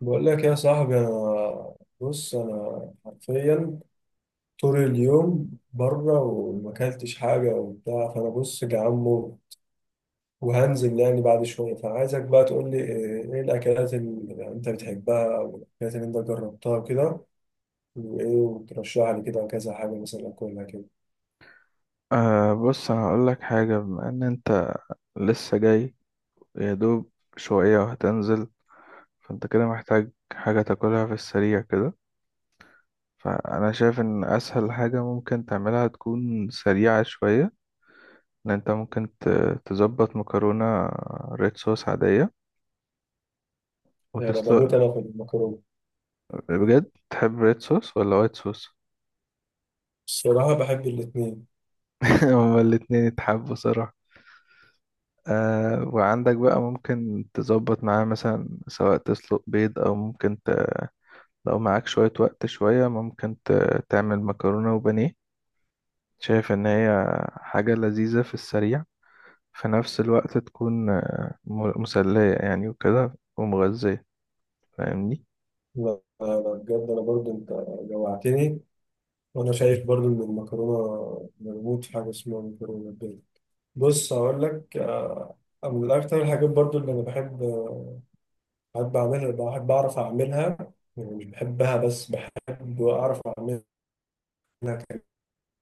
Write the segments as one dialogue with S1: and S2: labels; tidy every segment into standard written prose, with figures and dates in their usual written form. S1: بقول لك يا صاحبي انا حرفيا طول اليوم بره وما اكلتش حاجه وبتاع، فانا بص جعان موت وهنزل يعني بعد شويه. فعايزك بقى تقول لي ايه الاكلات اللي انت بتحبها او الاكلات اللي انت جربتها كده، وايه وترشح لي كده كذا حاجه مثلا اكلها كده.
S2: أه، بص هقول لك حاجة. بما إن أنت لسه جاي يا دوب شوية وهتنزل، فأنت كده محتاج حاجة تاكلها في السريع كده. فأنا شايف إن أسهل حاجة ممكن تعملها تكون سريعة شوية، إن أنت ممكن تظبط مكرونة ريد صوص عادية
S1: يعني انا بموت
S2: وتسلق.
S1: انا في المكرونه.
S2: بجد تحب ريد صوص ولا وايت صوص؟
S1: الصراحه بحب الاثنين.
S2: هما الاتنين يتحبوا صراحة. أه، وعندك بقى ممكن تظبط معاه مثلا سواء تسلق بيض أو ممكن لو معاك شوية وقت، شوية ممكن تعمل مكرونة وبانيه. شايف إن هي حاجة لذيذة في السريع، في نفس الوقت تكون مسلية يعني وكده ومغذية. فاهمني؟
S1: انا بجد انا برضو انت جوعتني. وانا شايف برضو ان المكرونه مربوط في حاجه اسمها مكرونه بيض. بص هقول لك، من أكتر الحاجات برضو اللي أنا بحب بحب أعملها، بحب أعرف أعملها. يعني مش بحبها بس بحب أعرف أعملها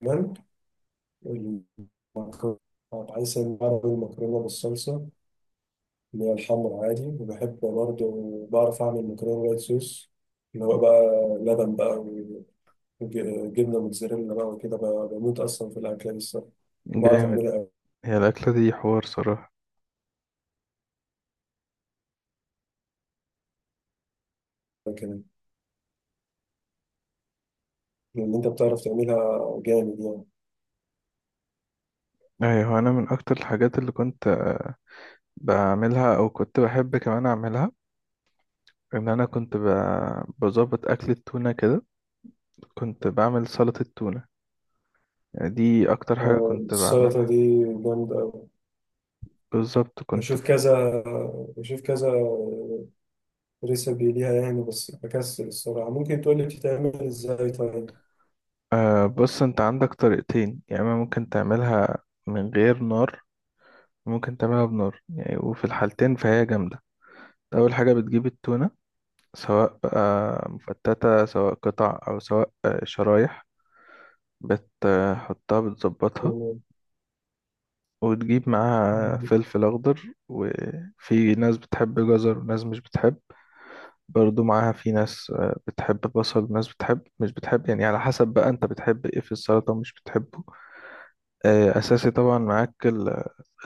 S1: كمان. المكرونة، بحيث إن بعرف أعمل المكرونة بالصلصة اللي هي الحمر عادي. وبحب برضو بعرف أعمل مكرونة وايت صوص، اللي هو بقى لبن بقى وجبنة موتزاريلا بقى وكده، بقى بموت أصلا في الأكلة دي الصراحة. وبعرف
S2: جامد.
S1: أعملها أوي
S2: هي الأكلة دي حوار صراحة.
S1: كمان، لأن أنت بتعرف تعملها جامد يعني.
S2: أيوة، أنا من أكتر الحاجات اللي كنت بعملها أو كنت بحب كمان أعملها إن أنا كنت بظبط أكل التونة كده. كنت بعمل سلطة التونة، يعني دي أكتر حاجة كنت
S1: السلطة
S2: بعملها
S1: دي جامدة أوي.
S2: بالظبط. كنت
S1: بشوف كذا بشوف كذا ريسبي ليها يعني، بس بكسل الصراحة. ممكن تقولي بتتعمل ازاي طيب؟
S2: آه، بص، انت عندك طريقتين، يا اما ممكن تعملها من غير نار، ممكن تعملها بنار يعني، وفي الحالتين فهي جامدة. اول حاجة بتجيب التونة، سواء آه مفتتة سواء قطع او سواء آه شرايح، بتحطها بتظبطها،
S1: يعني
S2: وتجيب معاها فلفل اخضر. وفي ناس بتحب جزر وناس مش بتحب، برضو معاها في ناس آه، بتحب بصل وناس بتحب مش بتحب، يعني على حسب بقى انت بتحب ايه في السلطة ومش بتحبه. آه، اساسي طبعا معاك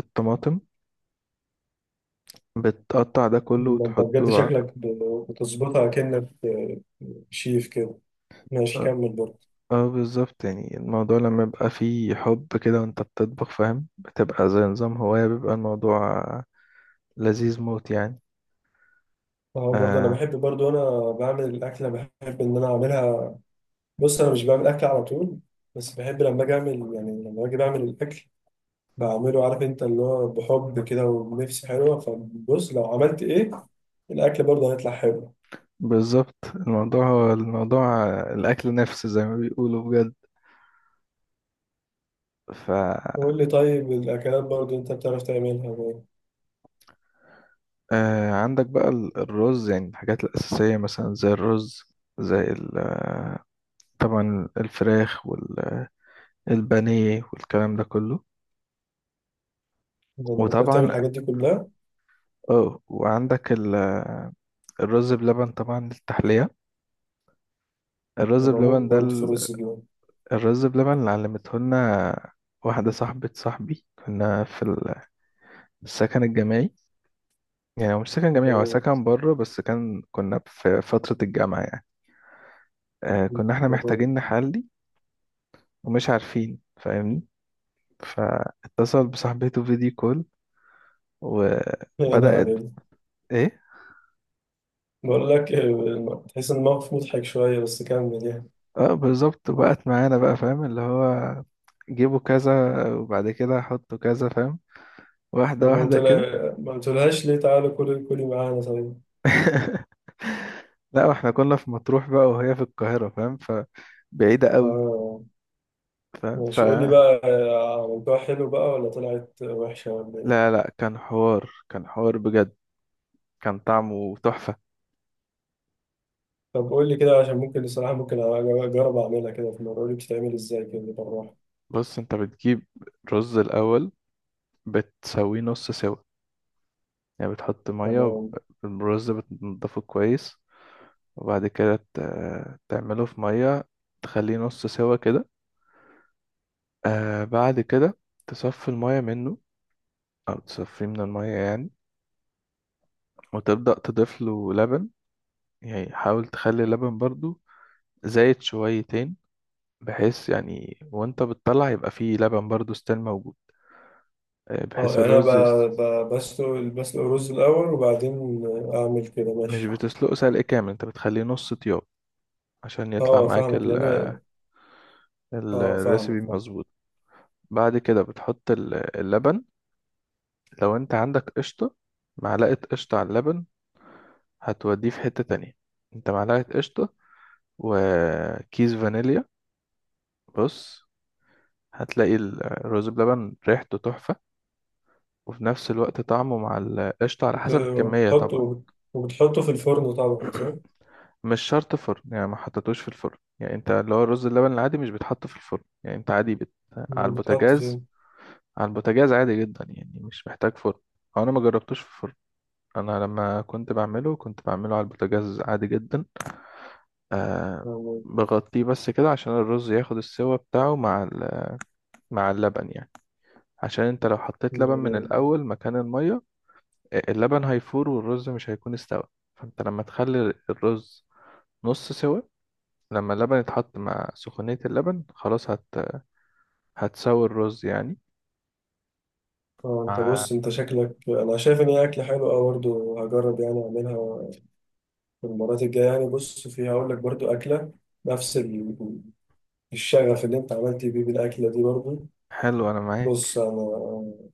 S2: الطماطم. بتقطع ده كله
S1: ده انت بجد
S2: وتحطه
S1: شكلك بتظبطها كأنك شيف كده. ماشي،
S2: اه
S1: كمل برضه.
S2: آه، بالظبط. يعني الموضوع لما يبقى فيه حب كده وانت بتطبخ، فاهم، بتبقى زي نظام هواية، بيبقى الموضوع لذيذ موت يعني.
S1: اه برضه انا
S2: آه
S1: بحب، برضه انا بعمل الاكله بحب ان انا اعملها. بص انا مش بعمل اكل على طول، بس بحب لما اجي اعمل، يعني لما اجي بعمل الاكل بعمله عارف انت اللي هو بحب كده ونفسي حلوة. فبص لو عملت ايه، الأكل برضه هيطلع حلو.
S2: بالظبط، الموضوع هو الموضوع الأكل نفسه زي ما بيقولوا بجد. ف
S1: قول لي طيب الأكلات برضه انت بتعرف تعملها بقى.
S2: آه، عندك بقى الرز، يعني الحاجات الأساسية مثلا زي الرز، زي طبعا الفراخ والبانيه والكلام ده كله.
S1: إذا انت بتعرف تعمل
S2: وطبعا
S1: الحاجات دي كلها.
S2: اه وعندك الرز بلبن طبعا للتحلية. الرز
S1: أنا بموت
S2: بلبن ده
S1: برضه في الرز اليوم.
S2: الرز بلبن اللي علمته لنا واحدة صاحبة صاحبي. كنا في السكن الجامعي، يعني هو مش سكن جامعي، هو
S1: أوه.
S2: سكن بره بس كان كنا في فترة الجامعة يعني. آه، كنا احنا
S1: أوه.
S2: محتاجين نحلي ومش عارفين، فاهمني، فاتصل بصاحبته فيديو كول
S1: يا نهار
S2: وبدأت.
S1: أبيض،
S2: ايه؟
S1: بقول لك، تحس إن الموقف مضحك شوية بس كمل يعني.
S2: اه بالظبط، وبقت معانا بقى، فاهم، اللي هو جيبوا كذا، وبعد كده حطوا كذا، فاهم، واحدة
S1: طب ما قلت
S2: واحدة كده.
S1: لها، ما قلتلهاش ليه تعالى كلي، كلي معانا طيب؟
S2: لا، واحنا كنا في مطروح بقى وهي في القاهرة، فاهم، فبعيدة قوي.
S1: آه،
S2: فاهم
S1: ماشي. قول لي بقى، عملتوها حلو بقى ولا طلعت وحشة ولا إيه؟
S2: لا لا، كان حوار، كان حوار بجد. كان طعمه تحفة.
S1: طب قول لي كده، عشان ممكن الصراحة، ممكن أجرب أعملها كده في مرة. قول لي بتتعمل إزاي كده بالراحة.
S2: بص انت بتجيب رز الأول، بتسويه نص سوا. يعني بتحط مية،
S1: تمام.
S2: الرز بتنضفه كويس، وبعد كده تعمله في مية، تخليه نص سوا كده. آه، بعد كده تصفي المية منه، أو تصفيه من المية يعني، وتبدأ تضيف له لبن. يعني حاول تخلي اللبن برضو زايد شويتين، بحيث يعني وانت بتطلع يبقى فيه لبن برضو ستيل موجود. آه،
S1: أه
S2: بحيث
S1: يعني أنا
S2: الرز
S1: بسلق، بسلق الرز الأول وبعدين أعمل كده،
S2: مش
S1: ماشي؟
S2: بتسلقه سلق كامل، انت بتخليه نص طياب عشان يطلع
S1: أه
S2: معاك
S1: فاهمك،
S2: ال...
S1: لأن أنا أه فاهمك
S2: الرecipe
S1: فاهمك.
S2: مظبوط. بعد كده بتحط اللبن. لو انت عندك قشطة، معلقة قشطة على اللبن هتوديه في حتة تانية. انت معلقة قشطة وكيس فانيليا، بص هتلاقي الرز بلبن ريحته تحفة، وفي نفس الوقت طعمه مع القشطة على
S1: بت-
S2: حسب الكمية طبعا.
S1: بتحطه، وبتحطه في الفرن طبعا صح؟
S2: مش شرط فرن يعني، ما حطيتوش في الفرن يعني، انت اللي هو الرز اللبن العادي مش بيتحط في الفرن يعني، انت عادي بت... على
S1: أمال بتحط
S2: البوتاجاز.
S1: فين؟
S2: على البوتاجاز عادي جدا يعني، مش محتاج فرن. او انا ما جربتوش في الفرن، انا لما كنت بعمله كنت بعمله على البوتاجاز عادي جدا. آه
S1: تمام.
S2: بغطيه بس كده عشان الرز ياخد السوا بتاعه مع ال... مع اللبن يعني. عشان انت لو حطيت
S1: ده
S2: لبن من
S1: جامد.
S2: الاول مكان المية، آه، اللبن هيفور والرز مش هيكون استوى. فانت لما تخلي الرز نص سوا، لما اللبن يتحط مع سخونية اللبن خلاص هت... هتساوي الرز يعني.
S1: أه أنت
S2: آه،
S1: بص، أنت شكلك. أنا شايف إن هي أكلة حلوة، أه برضه هجرب يعني أعملها في المرات الجاية يعني. بص، في هقول لك برضه أكلة نفس الشغف اللي انت عملت بيه بالاكله دي برضو.
S2: حلو أنا
S1: بص
S2: معاك.
S1: انا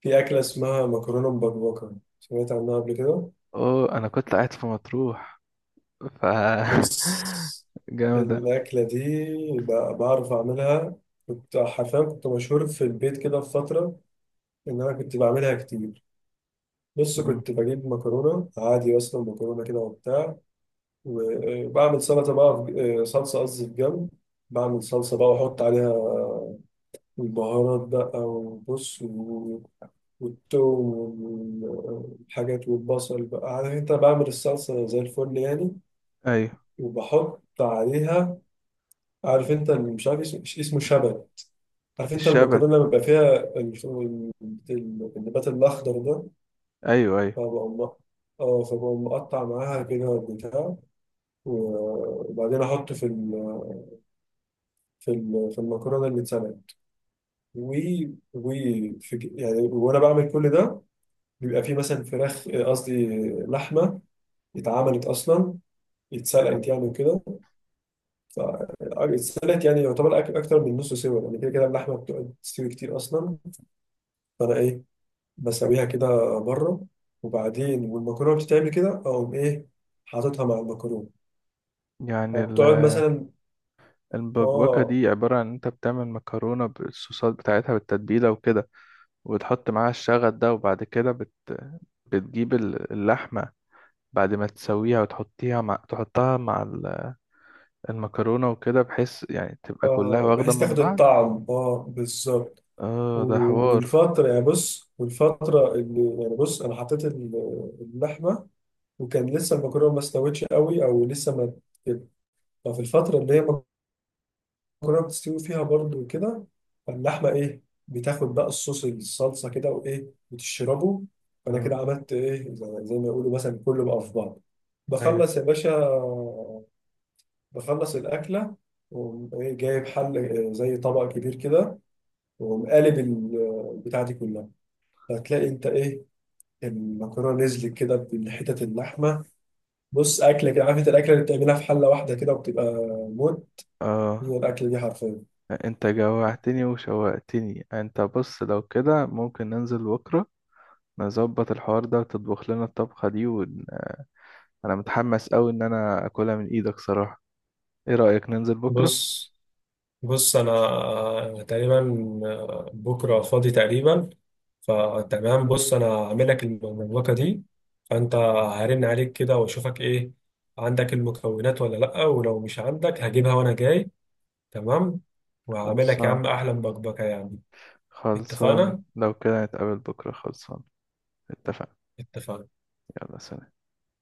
S1: في اكله اسمها مكرونه مبكبكه، سمعت عنها قبل كده؟
S2: أوه، أنا كنت قاعد في مطروح ف
S1: بص
S2: جامدة.
S1: الاكله دي بعرف اعملها. كنت حرفيا كنت مشهور في البيت كده في فتره ان انا كنت بعملها كتير. بص
S2: مم.
S1: كنت بجيب مكرونه عادي، اصلا مكرونه كده وبتاع. وبعمل سلطه بقى في- صلصه قصدي في جنب. بعمل صلصه بقى واحط عليها البهارات بقى. وبص، والتوم والحاجات والبصل بقى، عارف انت، بعمل الصلصة زي الفل يعني.
S2: أيوه
S1: وبحط عليها، عارف انت اللي مش عارف اسمه، مش اسمه شبت؟ عارف انت
S2: الشبت.
S1: المكرونة لما بيبقى فيها ال- ال- النبات الأخضر ده.
S2: أيوه أيوه.
S1: فبقوم مق- اه فبقوم مقطع معاها كده بتاع وبعدين أحطه في في المكرونة اللي اتسلقت. و و يعني وانا بعمل كل ده بيبقى فيه مثلا فراخ قصدي لحمه، اتعملت اصلا
S2: حلو.
S1: اتسلقت يعني وكده. ف- اتسلقت يعني، يعتبر اكتر من نص سوا يعني، كده كده اللحمه بتقعد تستوي كتير اصلا. فانا ايه، بسويها كده بره. وبعدين والمكرونه بتتعمل كده، اقوم ايه، حاططها مع المكرونه.
S2: يعني
S1: فبتقعد مثلا
S2: البكبكة
S1: اه.
S2: دي عبارة عن إن أنت بتعمل مكرونة بالصوصات بتاعتها بالتتبيلة وكده، وتحط معاها الشغل ده، وبعد كده بت... بتجيب اللحمة بعد ما تسويها، وتحطيها مع تحطها مع ال... المكرونة وكده، بحيث يعني تبقى كلها
S1: اه
S2: واخدة
S1: بحيث
S2: من
S1: تاخد
S2: بعض.
S1: الطعم، اه بالظبط.
S2: اه، ده حوار.
S1: والفتره يعني، بص والفتره اللي يعني، بص انا حطيت اللحمه وكان لسه المكرونه ما استوتش قوي او لسه ما كده. ففي الفتره اللي هي كلها بتستوي فيها برضو كده. فاللحمة إيه، بتاخد بقى الصوص، الصلصة كده وإيه، بتشربه. فأنا
S2: اه،
S1: كده عملت إيه، زي ما يقولوا مثلا كله بقى في بعض.
S2: ايوه،
S1: بخلص يا باشا، بخلص الأكلة. وأقوم إيه، جايب حل إيه، زي طبق كبير كده. وأقوم قالب بتاع دي كلها، هتلاقي أنت إيه، المكرونة نزلت كده بحتت اللحمة. بص أكلة كده، عارف أنت، الأكلة اللي بتعملها في حلة واحدة كده وبتبقى موت
S2: اه،
S1: هي الأكلة دي حرفيا.
S2: انت جوعتني وشوقتني. انت بص، لو كده ممكن ننزل بكرة نظبط الحوار ده وتطبخ لنا الطبخة دي ون... انا متحمس اوي ان انا اكلها من ايدك صراحة. ايه رأيك ننزل بكرة؟
S1: بص بص انا، تقريبا بكره فاضي تقريبا. فتمام، بص انا هعمل لك المبكبكه دي. فانت هرن عليك كده واشوفك ايه، عندك المكونات ولا لا؟ ولو مش عندك هجيبها وانا جاي. تمام، وهعمل لك يا
S2: خلصان،
S1: عم احلى مبكبكه يعني.
S2: خلصان
S1: اتفقنا.
S2: لو كده نتقابل بكرة. خلصان، اتفقنا.
S1: اتفقنا.
S2: يلا سلام.